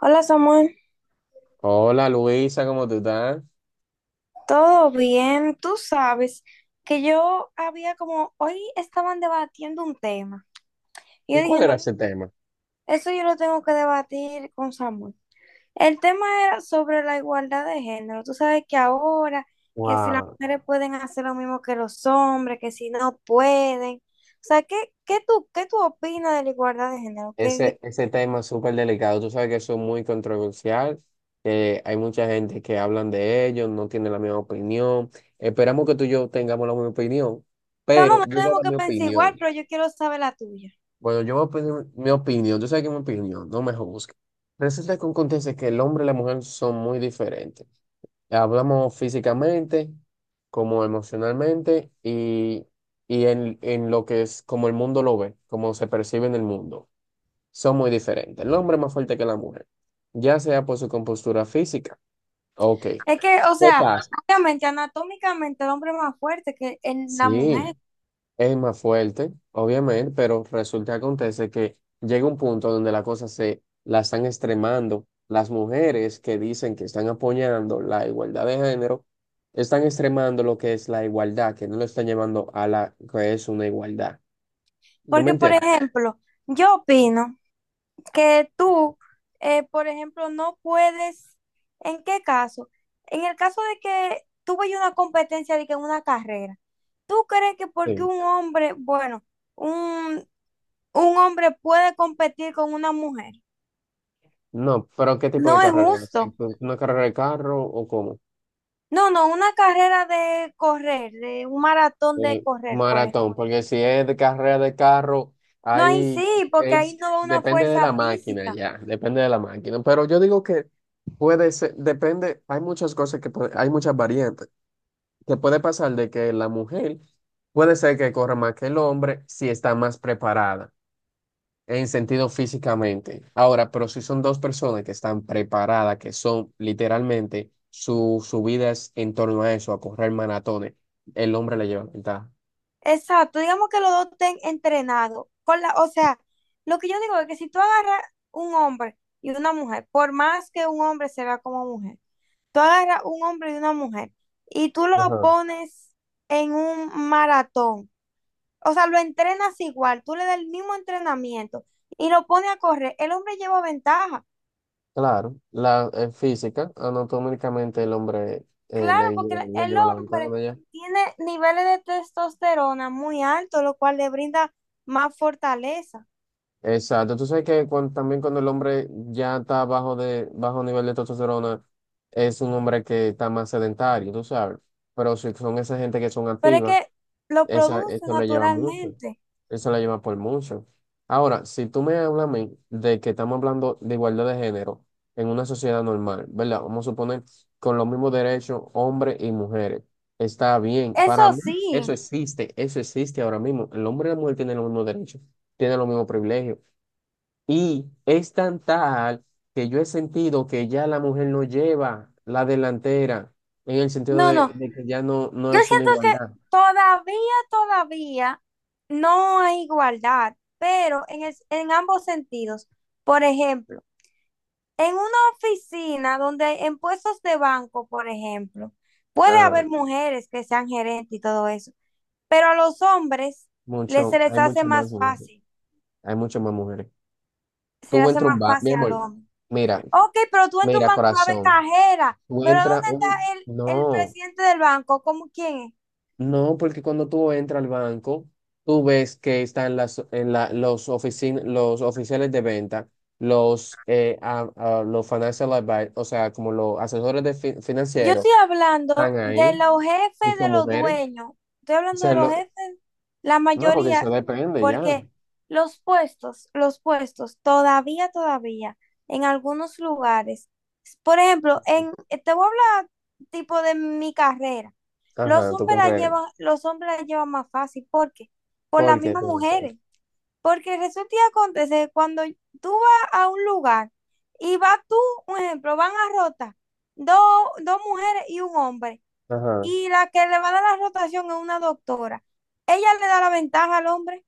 Hola Samuel, Hola Luisa, ¿cómo tú estás? ¿todo bien? Tú sabes que yo había como, hoy estaban debatiendo un tema. Y ¿Y yo dije, cuál era no, ese tema? eso yo lo tengo que debatir con Samuel. El tema era sobre la igualdad de género. Tú sabes que ahora, que si las Wow, mujeres pueden hacer lo mismo que los hombres, que si no pueden. O sea, ¿qué, qué tú opinas de la igualdad de género? ¿Qué ese tema es súper delicado. Tú sabes que eso es muy controversial, que hay mucha gente que hablan de ello, no tiene la misma opinión. Esperamos que tú y yo tengamos la misma opinión, Chama, pero no yo voy a tenemos dar mi que pensar igual, opinión. pero yo quiero saber la tuya. Bueno, yo voy a pedir mi opinión, tú sabes que es mi opinión, no me juzgues. Resulta que acontece que el hombre y la mujer son muy diferentes. Hablamos físicamente, como emocionalmente y en lo que es como el mundo lo ve, como se percibe en el mundo. Son muy diferentes. El hombre es más fuerte que la mujer, ya sea por su compostura física. Ok, Es que, o ¿qué sea, pasa? obviamente, anatómicamente el hombre es más fuerte que la mujer. Sí. Es más fuerte, obviamente, pero resulta que acontece que llega un punto donde la cosa se la están extremando. Las mujeres que dicen que están apoyando la igualdad de género, están extremando lo que es la igualdad, que no lo están llevando a la que es una igualdad. ¿Tú me Porque, por entiendes? ejemplo, yo opino. Que tú, por ejemplo, no puedes, ¿en qué caso? En el caso de que tú vayas a una competencia de que en una carrera, ¿tú crees que porque Sí. un hombre, bueno, un, un hombre puede competir con una mujer? No, pero ¿qué tipo de No es carrera es? Es? justo. ¿Una carrera de carro o cómo? No, no, una carrera de correr, de un maratón de correr, por ejemplo. Maratón, porque si es de carrera de carro, No, ahí ahí sí, porque ahí es, no va una depende de fuerza la máquina física. ya, depende de la máquina. Pero yo digo que puede ser, depende, hay muchas cosas hay muchas variantes, que puede pasar de que la mujer puede ser que corra más que el hombre si está más preparada. En sentido físicamente. Ahora, pero si son dos personas que están preparadas, que son literalmente su vida es en torno a eso, a correr maratones, el hombre le lleva ventaja. Exacto, digamos que los dos estén entrenados. Con la, o sea, lo que yo digo es que si tú agarras un hombre y una mujer, por más que un hombre se vea como mujer, tú agarras un hombre y una mujer y tú lo Ajá. pones en un maratón, o sea, lo entrenas igual, tú le das el mismo entrenamiento y lo pones a correr, el hombre lleva ventaja. Claro, la física, anatómicamente el hombre eh, Claro, le, porque el lleva le el lleva la hombre ventana ya. tiene niveles de testosterona muy altos, lo cual le brinda más fortaleza. Exacto, tú sabes que también cuando el hombre ya está bajo nivel de testosterona, es un hombre que está más sedentario, tú sabes. Pero si son esa gente que son Pero es activas, que lo esa, produce eso lo lleva mucho. naturalmente. Eso lo lleva por mucho. Ahora, si tú me hablas a mí de que estamos hablando de igualdad de género en una sociedad normal, ¿verdad? Vamos a suponer con los mismos derechos hombres y mujeres. Está bien. Eso Para mí, eso sí. existe. Eso existe ahora mismo. El hombre y la mujer tienen los mismos derechos, tienen los mismos privilegios. Y es tan tal que yo he sentido que ya la mujer no lleva la delantera en el sentido No, no. De que ya no Yo es una siento que igualdad. todavía no hay igualdad, pero en en ambos sentidos. Por ejemplo, en una oficina donde en puestos de banco, por ejemplo, puede Ah, haber mujeres que sean gerentes y todo eso, pero a los hombres se mucho, les hay hace mucho más más mujeres, fácil. hay mucho más mujeres. Se les Tú hace entras un más bar, mi fácil al amor, hombre. mira, Ok, pero tú entras a un mira, banco a ver corazón, cajera, tú pero entras ¿dónde está un, el, el no, presidente del banco? ¿Cómo quién es? no, porque cuando tú entras al banco, tú ves que están los los oficiales de venta, los, a- los financial advi- o sea, como los asesores de Yo financieros, estoy hablando están de ahí los y jefes de son los mujeres. dueños, estoy O hablando de sea, los lo- jefes, la no, porque eso mayoría, depende ya. porque los puestos, todavía, todavía, en algunos lugares, por ejemplo, en, te voy a hablar tipo de mi carrera, Ajá, tu carrera. Los hombres la llevan más fácil, ¿por qué? Por las ¿Por qué mismas tú dices? mujeres. Porque resulta y acontece, cuando tú vas a un lugar y vas tú, un ejemplo, van a rotar dos, dos mujeres y un hombre, Ajá. y la que le va a dar la rotación es una doctora, ella le da la ventaja al hombre,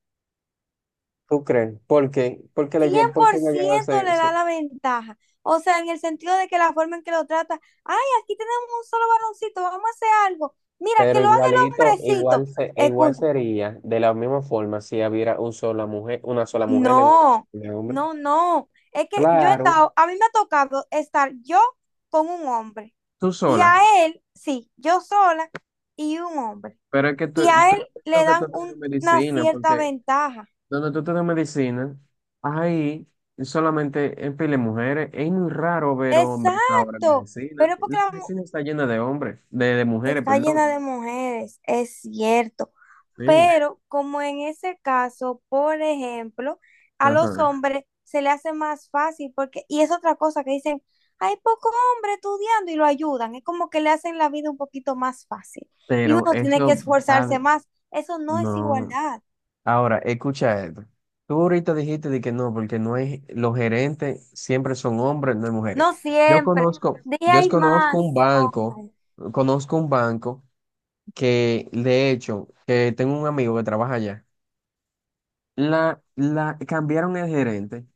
¿Tú crees? ¿Por qué? Cien Porque por ella lleva ciento le da la ventaja. O sea, en el sentido de que la forma en que lo trata, ay, aquí tenemos un solo varoncito, vamos a hacer algo. Mira, que pero lo haga el igualito, hombrecito. Igual Escucha, sería de la misma forma si hubiera un sola mujer, una sola mujer en No, un en hombre. no, no. Es que yo he Claro, estado, a mí me ha tocado estar yo con un hombre tú y sola. a él, sí, yo sola y un hombre. Pero es que tú, Y a tú él creo le que tú dan estudias una medicina, cierta porque ventaja. donde tú estudias medicina, ahí solamente en pile mujeres. Es muy raro ver hombres ahora en Exacto. medicina. Pero es porque La medicina está llena de hombres, de mujeres, está perdón. llena de mujeres, es cierto. Sí, Pero como en ese caso, por ejemplo, a los ajá. hombres se le hace más fácil porque, y es otra cosa que dicen, hay poco hombre estudiando y lo ayudan, es como que le hacen la vida un poquito más fácil y Pero uno tiene que eso va, esforzarse más. Eso no es no. igualdad, Ahora, escucha esto. Tú ahorita dijiste de que no, porque no hay, los gerentes siempre son hombres, no hay mujeres. no Yo siempre. conozco, De ahí yo hay conozco más un banco, hombres. Conozco un banco que, de hecho, que tengo un amigo que trabaja allá. Cambiaron el gerente.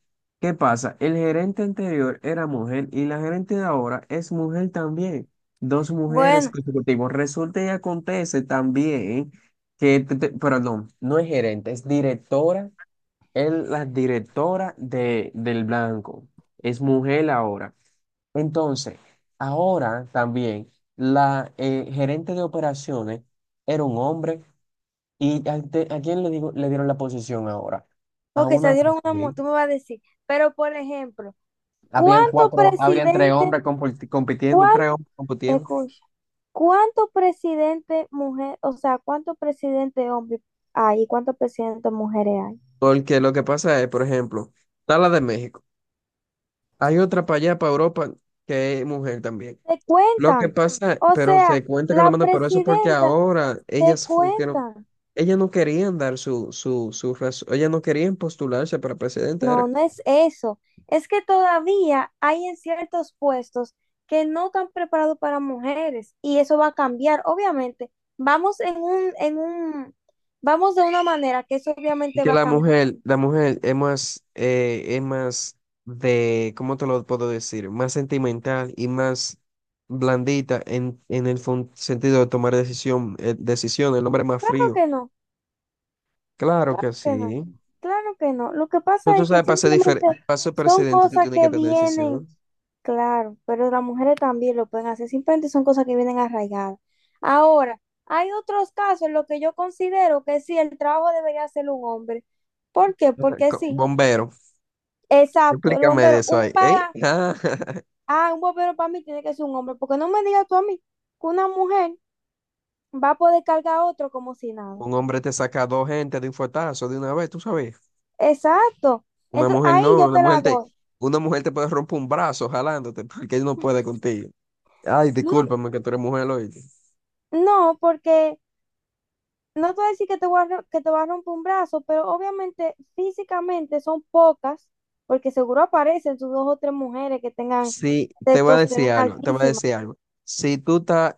¿Qué pasa? El gerente anterior era mujer y la gerente de ahora es mujer también. Dos mujeres Bueno, consecutivas. Resulta y acontece también que, perdón, no es gerente, es directora, es la directora de, del Blanco. Es mujer ahora. Entonces, ahora también la gerente de operaciones era un hombre. ¿Y a quién le, digo, le dieron la posición ahora? A porque se una dieron una, mujer. Tú me vas a decir, pero por ejemplo, ¿cuántos Habrían tres presidentes? hombres compitiendo, tres hombres compitiendo. Escucha, ¿cuántos presidentes mujer, o sea, cuántos presidentes hombres hay y cuántos presidentes mujeres hay? Porque lo que pasa es, por ejemplo, está la de México. Hay otra para allá, para Europa, que es mujer también. Te Lo que cuentan. pasa, O pero se sea, cuenta con la la mano, pero eso es porque presidenta ahora te ellas funcionan, cuentan. ellas no querían dar su, su, su raz- ellas no querían postularse para presidente, No, era. no es eso. Es que todavía hay en ciertos puestos que no están preparados para mujeres y eso va a cambiar, obviamente. Vamos en vamos de una manera que eso Y obviamente que va a cambiar. La mujer es más de, ¿cómo te lo puedo decir? Más sentimental y más blandita en el sentido de tomar decisiones, el hombre es más Claro frío. que no. Claro Claro que que no, sí. claro que no. Lo que Pero pasa tú es que sabes, simplemente para ser son presidente, tú cosas tienes que que tener vienen, decisión. claro, pero las mujeres también lo pueden hacer, simplemente son cosas que vienen arraigadas. Ahora, hay otros casos en los que yo considero que sí, el trabajo debería hacerlo un hombre. ¿Por qué? Ajá. Porque sí, Bombero. exacto, el Explícame de bombero, eso ahí. ¿Eh? Ah, ah, un bombero para mí tiene que ser un hombre, porque no me digas tú a mí que una mujer va a poder cargar a otro como si nada. un hombre te saca dos gente de un fuetazo de una vez, tú sabes. Exacto. Una Entonces, mujer ahí no, yo te la doy. una mujer te puede romper un brazo jalándote porque él no puede contigo. Ay, No, discúlpame que tú eres mujer, oíste. No, porque no te voy a decir que te voy a ro- que te va a romper un brazo, pero obviamente físicamente son pocas, porque seguro aparecen sus dos o tres mujeres que tengan Sí, te voy a testosterona decir algo, te voy a altísima decir algo. Si tú estás,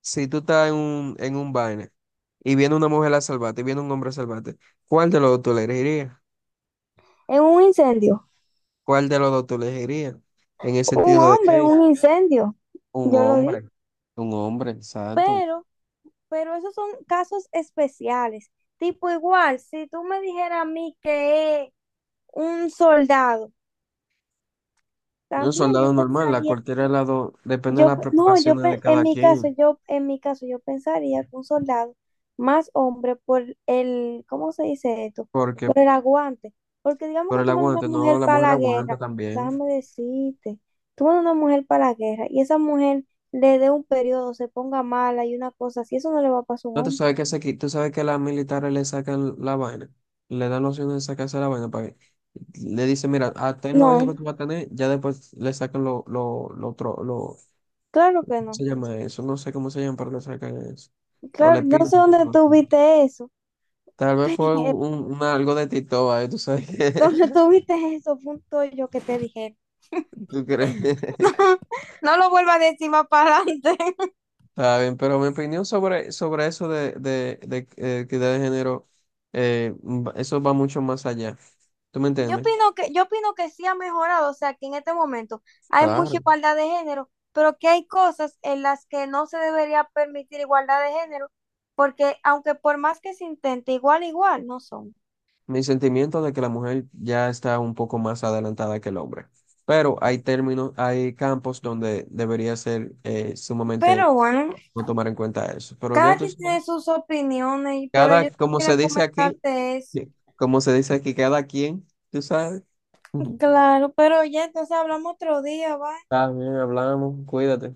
si tú estás en un vaina y viene una mujer a salvarte y viene un hombre a salvarte, ¿cuál de los dos tú elegirías? en un incendio. ¿Cuál de los dos tú elegirías? En el Un sentido de hombre en que un incendio, un yo lo digo. hombre, un hombre, exacto. Pero, pero esos son casos especiales. Tipo igual, si tú me dijeras a mí que es un soldado, Un también yo soldado normal, a pensaría. cualquier lado, depende de Yo, la pe- no, yo preparación de pe- en cada mi caso, quien, en mi caso, yo pensaría que un soldado más hombre por el, ¿cómo se dice esto? porque Por el aguante. Porque digamos por que el tú mandas aguante, una no, mujer la para mujer la aguanta guerra, también. déjame decirte, tú mandas una mujer para la guerra y esa mujer le dé un periodo, se ponga mala y una cosa así, eso no le va a pasar a un No, tú hombre. sabes que se, tú sabes que a las militares le sacan la vaina, le dan la opción de sacarse la vaina para que le dicen, mira, ah, ten los hijos No, que tú vas a tener, ya después le sacan lo otro, lo, claro ¿cómo que no. se llama eso? No sé cómo se llama, pero le sacan eso. O le Claro, no sé piden que dónde lo tú hagan. viste eso. Tal vez fue un algo de Tito, ahí, tú sabes que, ¿Dónde tú viste eso? Punto yo que te dije. tú crees. No lo vuelvas a decir más para adelante. Está bien, pero mi opinión sobre eso de, equidad de género, eso va mucho más allá. ¿Tú me entiendes? Yo opino que sí ha mejorado, o sea, que en este momento hay mucha Claro. igualdad de género, pero que hay cosas en las que no se debería permitir igualdad de género, porque aunque por más que se intente, igual, igual, no son. Mi sentimiento de que la mujer ya está un poco más adelantada que el hombre. Pero hay términos, hay campos donde debería ser sumamente Pero bueno, no tomar en cuenta eso. Pero ya cada tú quien sabes, tiene sus opiniones, pero cada, yo como se quería dice aquí, comentarte eso. como se dice aquí, cada quien, tú sabes. Claro, pero ya entonces hablamos otro día, ¿va? Está bien, hablamos, cuídate.